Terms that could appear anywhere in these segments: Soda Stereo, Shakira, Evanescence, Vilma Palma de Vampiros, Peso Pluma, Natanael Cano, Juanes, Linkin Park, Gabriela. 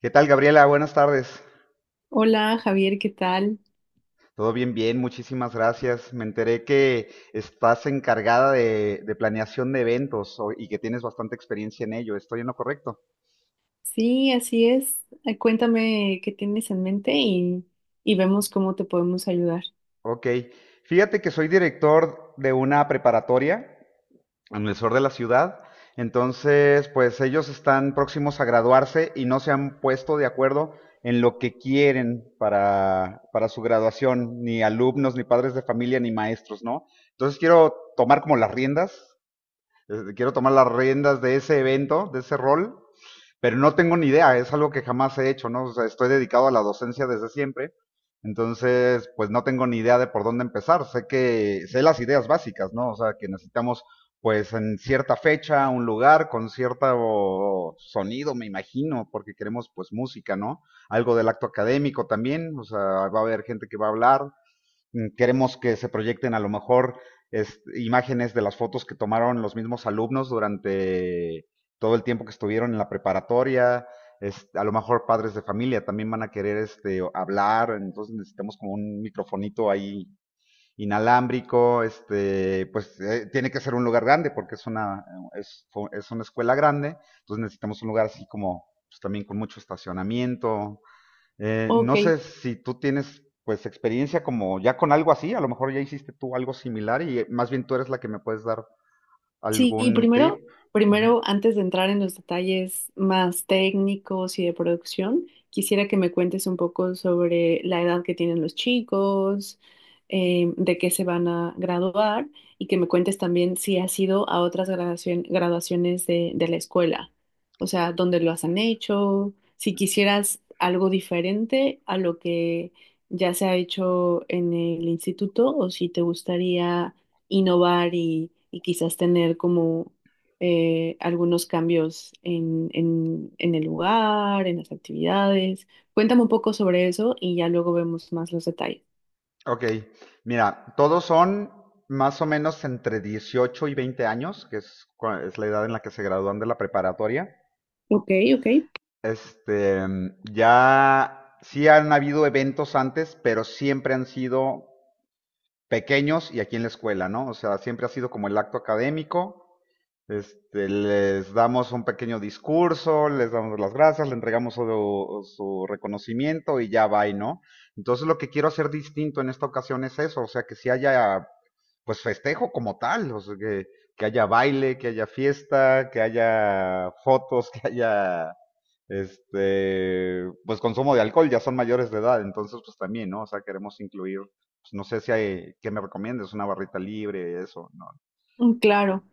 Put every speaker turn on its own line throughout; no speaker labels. ¿Qué tal, Gabriela? Buenas tardes.
Hola Javier, ¿qué tal?
Todo bien, bien, muchísimas gracias. Me enteré que estás encargada de planeación de eventos y que tienes bastante experiencia en ello. ¿Estoy en lo correcto?
Sí, así es. Cuéntame qué tienes en mente y vemos cómo te podemos ayudar.
Ok. Fíjate que soy director de una preparatoria en el sur de la ciudad. Entonces, pues ellos están próximos a graduarse y no se han puesto de acuerdo en lo que quieren para su graduación, ni alumnos, ni padres de familia, ni maestros, ¿no? Entonces quiero tomar como las riendas. Este, quiero tomar las riendas de ese evento, de ese rol, pero no tengo ni idea, es algo que jamás he hecho, ¿no? O sea, estoy dedicado a la docencia desde siempre, entonces, pues no tengo ni idea de por dónde empezar, sé las ideas básicas, ¿no? O sea, que necesitamos, pues, en cierta fecha, un lugar, con cierto sonido, me imagino, porque queremos, pues, música, ¿no? Algo del acto académico también, o sea, va a haber gente que va a hablar, queremos que se proyecten a lo mejor imágenes de las fotos que tomaron los mismos alumnos durante todo el tiempo que estuvieron en la preparatoria. A lo mejor padres de familia también van a querer este, hablar, entonces necesitamos como un microfonito ahí inalámbrico, este, pues tiene que ser un lugar grande porque es una escuela grande, entonces necesitamos un lugar así como pues, también con mucho estacionamiento,
Ok.
no sé si tú tienes pues experiencia como ya con algo así, a lo mejor ya hiciste tú algo similar y más bien tú eres la que me puedes dar
Sí, y
algún
primero,
tip. Ujú.
primero, antes de entrar en los detalles más técnicos y de producción, quisiera que me cuentes un poco sobre la edad que tienen los chicos, de qué se van a graduar y que me cuentes también si has ido a otras graduaciones de la escuela, o sea, dónde lo han hecho, si quisieras algo diferente a lo que ya se ha hecho en el instituto o si te gustaría innovar y quizás tener como algunos cambios en el lugar, en las actividades. Cuéntame un poco sobre eso y ya luego vemos más los detalles.
Ok, mira, todos son más o menos entre 18 y 20 años, que es, es la edad en la que se gradúan de la preparatoria.
Ok, ok.
Este, ya sí han habido eventos antes, pero siempre han sido pequeños y aquí en la escuela, ¿no? O sea, siempre ha sido como el acto académico. Este, les damos un pequeño discurso, les damos las gracias, le entregamos su reconocimiento y ya va, ¿no? Entonces lo que quiero hacer distinto en esta ocasión es eso, o sea, que si haya pues festejo como tal, o sea, que haya baile, que haya fiesta, que haya fotos, que haya este pues consumo de alcohol, ya son mayores de edad, entonces pues también, ¿no? O sea, queremos incluir pues, no sé si hay, ¿qué me recomiendas? ¿Una barrita libre? Eso, no.
Mm, claro.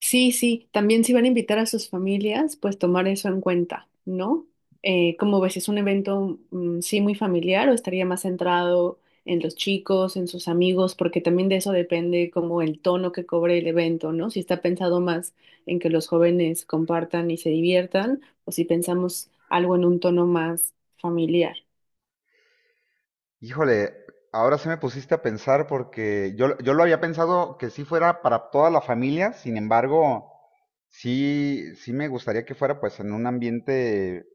Sí, sí, también si van a invitar a sus familias, pues tomar eso en cuenta, ¿no? Como ves, es un evento, mm, sí, muy familiar o estaría más centrado en los chicos, en sus amigos, porque también de eso depende como el tono que cobre el evento, ¿no? Si está pensado más en que los jóvenes compartan y se diviertan, o si pensamos algo en un tono más familiar.
Híjole, ahora sí me pusiste a pensar porque yo lo había pensado que sí fuera para toda la familia, sin embargo, sí, sí me gustaría que fuera pues en un ambiente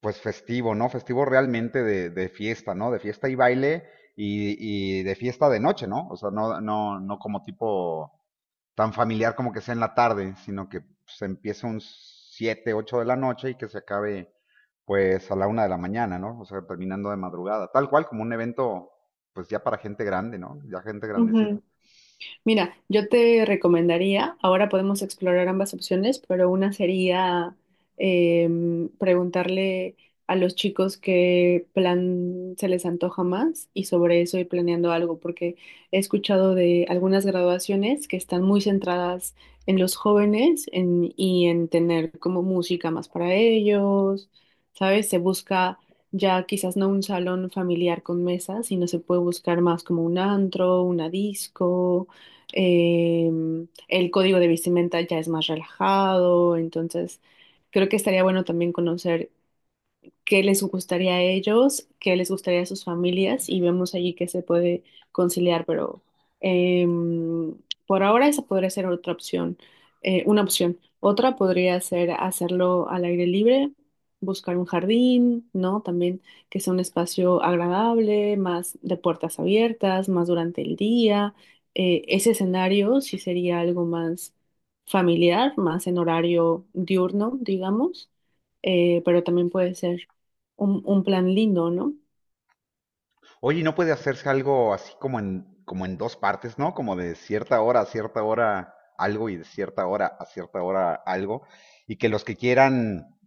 pues festivo, ¿no? Festivo realmente de fiesta, ¿no? De fiesta y baile y de fiesta de noche, ¿no? O sea, no como tipo tan familiar como que sea en la tarde, sino que se empiece un 7, 8 de la noche y que se acabe pues a la una de la mañana, ¿no? O sea, terminando de madrugada, tal cual como un evento pues ya para gente grande, ¿no? Ya gente grandecita.
Mira, yo te recomendaría, ahora podemos explorar ambas opciones, pero una sería preguntarle a los chicos qué plan se les antoja más y sobre eso ir planeando algo, porque he escuchado de algunas graduaciones que están muy centradas en los jóvenes y en tener como música más para ellos, ¿sabes? Se busca ya quizás no un salón familiar con mesas, sino se puede buscar más como un antro, una disco, eh, el código de vestimenta ya es más relajado, entonces creo que estaría bueno también conocer qué les gustaría a ellos, qué les gustaría a sus familias y vemos allí qué se puede conciliar, pero em, por ahora esa podría ser otra opción, una opción. Otra podría ser hacerlo al aire libre, buscar un jardín, ¿no? También que sea un espacio agradable, más de puertas abiertas, más durante el día. Ese escenario sí sería algo más familiar, más en horario diurno, digamos, pero también puede ser un plan lindo, ¿no?
Oye, ¿y no puede hacerse algo así como en dos partes, ¿no? Como de cierta hora a cierta hora algo y de cierta hora a cierta hora algo. Y que los que quieran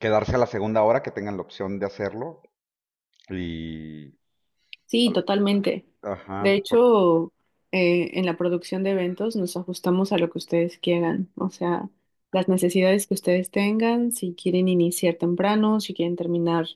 quedarse a la segunda hora, que tengan la opción de hacerlo. Y...
Sí,
al-
totalmente. De
Ajá.
hecho, en la producción de eventos nos ajustamos a lo que ustedes quieran, o sea, las necesidades que ustedes tengan, si quieren iniciar temprano, si quieren terminar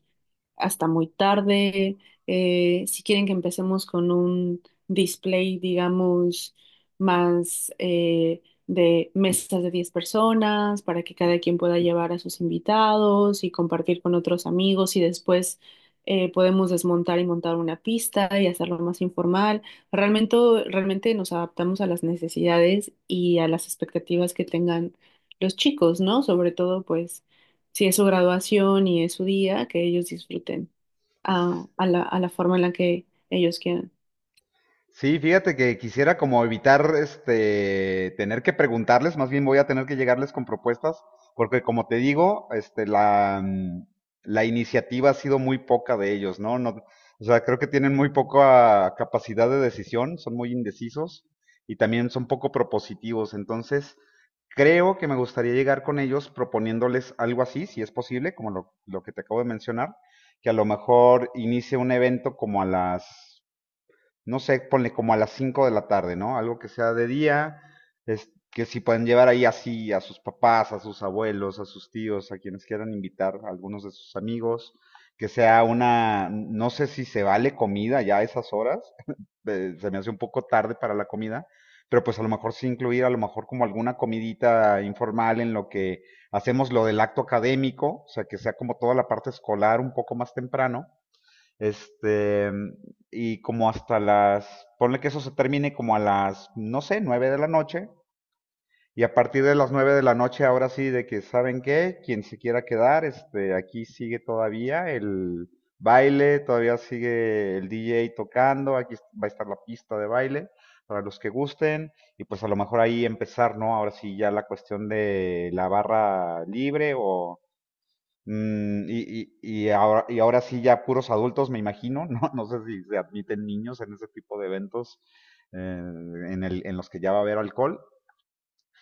hasta muy tarde. Si quieren que empecemos con un display, digamos, más de mesas de 10 personas para que cada quien pueda llevar a sus invitados y compartir con otros amigos y después podemos desmontar y montar una pista y hacerlo más informal. Realmente, realmente, nos adaptamos a las necesidades y a las expectativas que tengan los chicos, ¿no? Sobre todo, pues, si es su graduación y es su día, que ellos disfruten a la forma en la que ellos quieran.
Sí, fíjate que quisiera como evitar este tener que preguntarles, más bien voy a tener que llegarles con propuestas, porque como te digo, la iniciativa ha sido muy poca de ellos, ¿no? No, o sea, creo que tienen muy poca capacidad de decisión, son muy indecisos y también son poco propositivos, entonces creo que me gustaría llegar con ellos proponiéndoles algo así, si es posible, lo que te acabo de mencionar, que a lo mejor inicie un evento como a las, no sé, ponle como a las 5 de la tarde, ¿no? Algo que sea de día, es que si pueden llevar ahí así a sus papás, a sus abuelos, a sus tíos, a quienes quieran invitar, a algunos de sus amigos, no sé si se vale comida ya a esas horas, se me hace un poco tarde para la comida, pero pues a lo mejor sí incluir a lo mejor como alguna comidita informal en lo que hacemos lo del acto académico, o sea, que sea como toda la parte escolar un poco más temprano este, y como hasta las, ponle que eso se termine como a las, no sé, 9 de la noche. Y a partir de las 9 de la noche, ahora sí, de que saben qué, quien se quiera quedar, este, aquí sigue todavía el baile, todavía sigue el DJ tocando, aquí va a estar la pista de baile para los que gusten y pues a lo mejor ahí empezar, ¿no? Ahora sí ya la cuestión de la barra libre o y ahora sí ya puros adultos, me imagino, ¿no? No sé si se admiten niños en ese tipo de eventos en los que ya va a haber alcohol.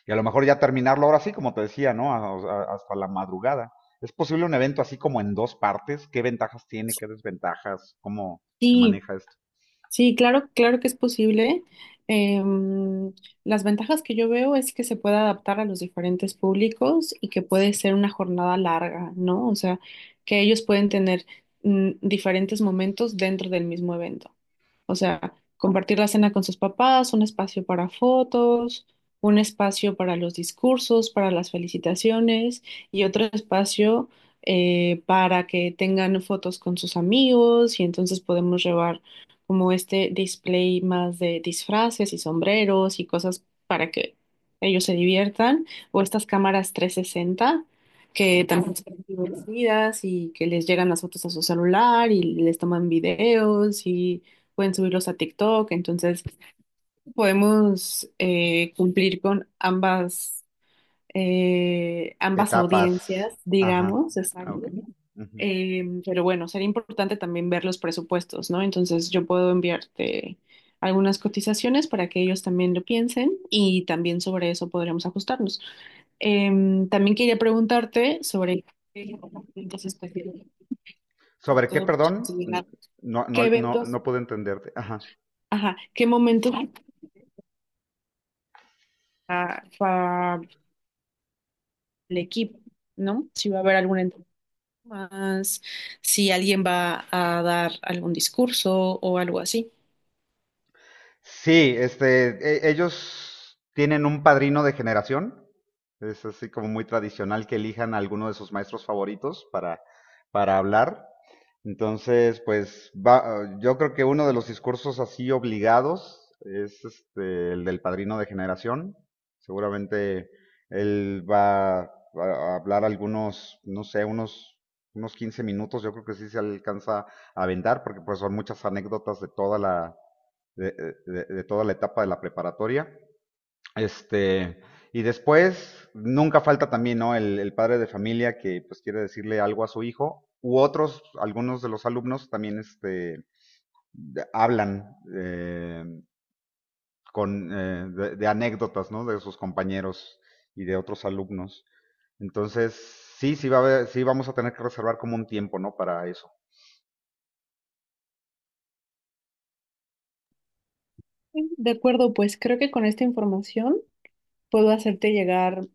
Y a lo mejor ya terminarlo ahora sí, como te decía, ¿no? Hasta la madrugada. ¿Es posible un evento así como en dos partes? ¿Qué ventajas tiene? ¿Qué desventajas? ¿Cómo se
Sí,
maneja esto?
sí, claro, claro que es posible. Em, las ventajas que yo veo es que se puede adaptar a los diferentes públicos y que puede ser una jornada larga, ¿no? O sea, que ellos pueden tener, mm, diferentes momentos dentro del mismo evento. O sea, compartir la cena con sus papás, un espacio para fotos, un espacio para los discursos, para las felicitaciones y otro espacio, para que tengan fotos con sus amigos y entonces podemos llevar como este display más de disfraces y sombreros y cosas para que ellos se diviertan o estas cámaras 360 que también son divertidas y que les llegan las fotos a su celular y les toman videos y pueden subirlos a TikTok, entonces podemos, cumplir con ambas
Etapas.
audiencias,
Ajá.
digamos,
Ah, ok.
exacto.
Ujú.
Pero bueno, sería importante también ver los presupuestos, ¿no? Entonces yo puedo enviarte algunas cotizaciones para que ellos también lo piensen y también sobre eso podremos ajustarnos. También quería preguntarte sobre qué eventos especiales, sobre
¿Sobre qué,
todo para
perdón?
llegar,
No, no,
qué
no,
eventos,
no pude entenderte. Ajá.
ajá, qué momentos para el equipo, ¿no? Si va a haber alguna entrevista más, si alguien va a dar algún discurso o algo así.
Sí, este, ellos tienen un padrino de generación. Es así como muy tradicional que elijan a alguno de sus maestros favoritos para hablar. Entonces, pues va, yo creo que uno de los discursos así obligados es este, el del padrino de generación. Seguramente él va a hablar algunos, no sé, unos 15 minutos. Yo creo que sí se alcanza a aventar porque pues son muchas anécdotas de toda la de toda la etapa de la preparatoria. Este, y después, nunca falta también, ¿no? El padre de familia que pues quiere decirle algo a su hijo, u otros, algunos de los alumnos también este, hablan de anécdotas, ¿no? De sus compañeros y de otros alumnos. Entonces, sí, sí vamos a tener que reservar como un tiempo, ¿no? Para eso.
De acuerdo, pues creo que con esta información puedo hacerte llegar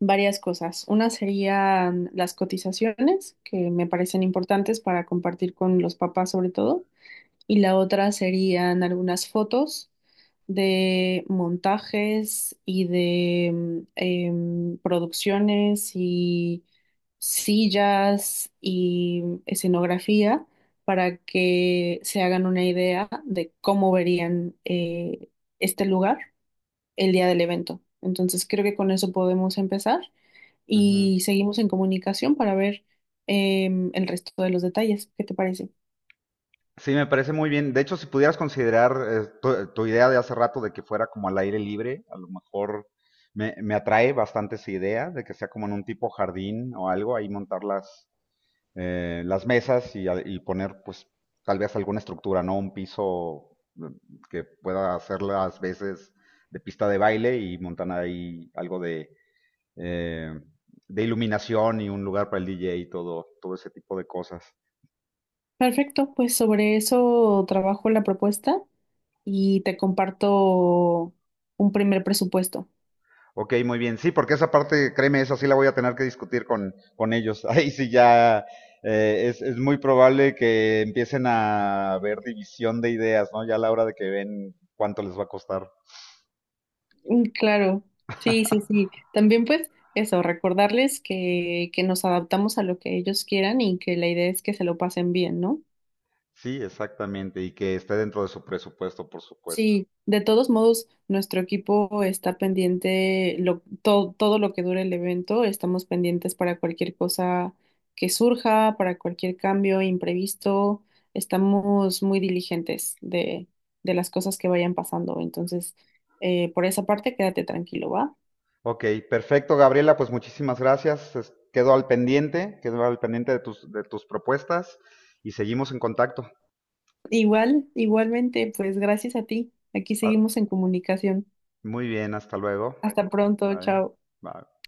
varias cosas. Una serían las cotizaciones, que me parecen importantes para compartir con los papás sobre todo, y la otra serían algunas fotos de montajes y de producciones y sillas y escenografía para que se hagan una idea de cómo verían, este lugar el día del evento. Entonces creo que con eso podemos empezar
Ujú.
y seguimos en comunicación para ver el resto de los detalles. ¿Qué te parece?
Sí, me parece muy bien. De hecho, si pudieras considerar tu idea de hace rato de que fuera como al aire libre, a lo mejor me atrae bastante esa idea de que sea como en un tipo jardín o algo, ahí montar las mesas y poner pues tal vez alguna estructura, ¿no? Un piso que pueda hacer las veces de pista de baile y montar ahí algo eh, de iluminación y un lugar para el DJ y todo, todo ese tipo de cosas.
Perfecto, pues sobre eso trabajo la propuesta y te comparto un primer presupuesto.
Ok, muy bien. Sí, porque esa parte, créeme, esa sí la voy a tener que discutir con ellos. Ahí sí ya es muy probable que empiecen a ver división de ideas, ¿no? Ya a la hora de que ven cuánto les va a costar.
Mm, claro, sí, sí, sí. También pues eso, recordarles que nos adaptamos a lo que ellos quieran y que la idea es que se lo pasen bien, ¿no?
Sí, exactamente, y que esté dentro de su presupuesto, por supuesto.
Sí, de todos modos, nuestro equipo está pendiente, lo, todo lo que dure el evento, estamos pendientes para cualquier cosa que surja, para cualquier cambio imprevisto, estamos muy diligentes de las cosas que vayan pasando. Entonces, por esa parte, quédate tranquilo, ¿va?
Ok, perfecto, Gabriela, pues muchísimas gracias. Quedo al pendiente de tus propuestas y seguimos en contacto.
Igual, igualmente, pues gracias a ti. Aquí
Ah,
seguimos en comunicación.
muy bien, hasta luego.
Hasta pronto,
Bye.
chao.
Bye.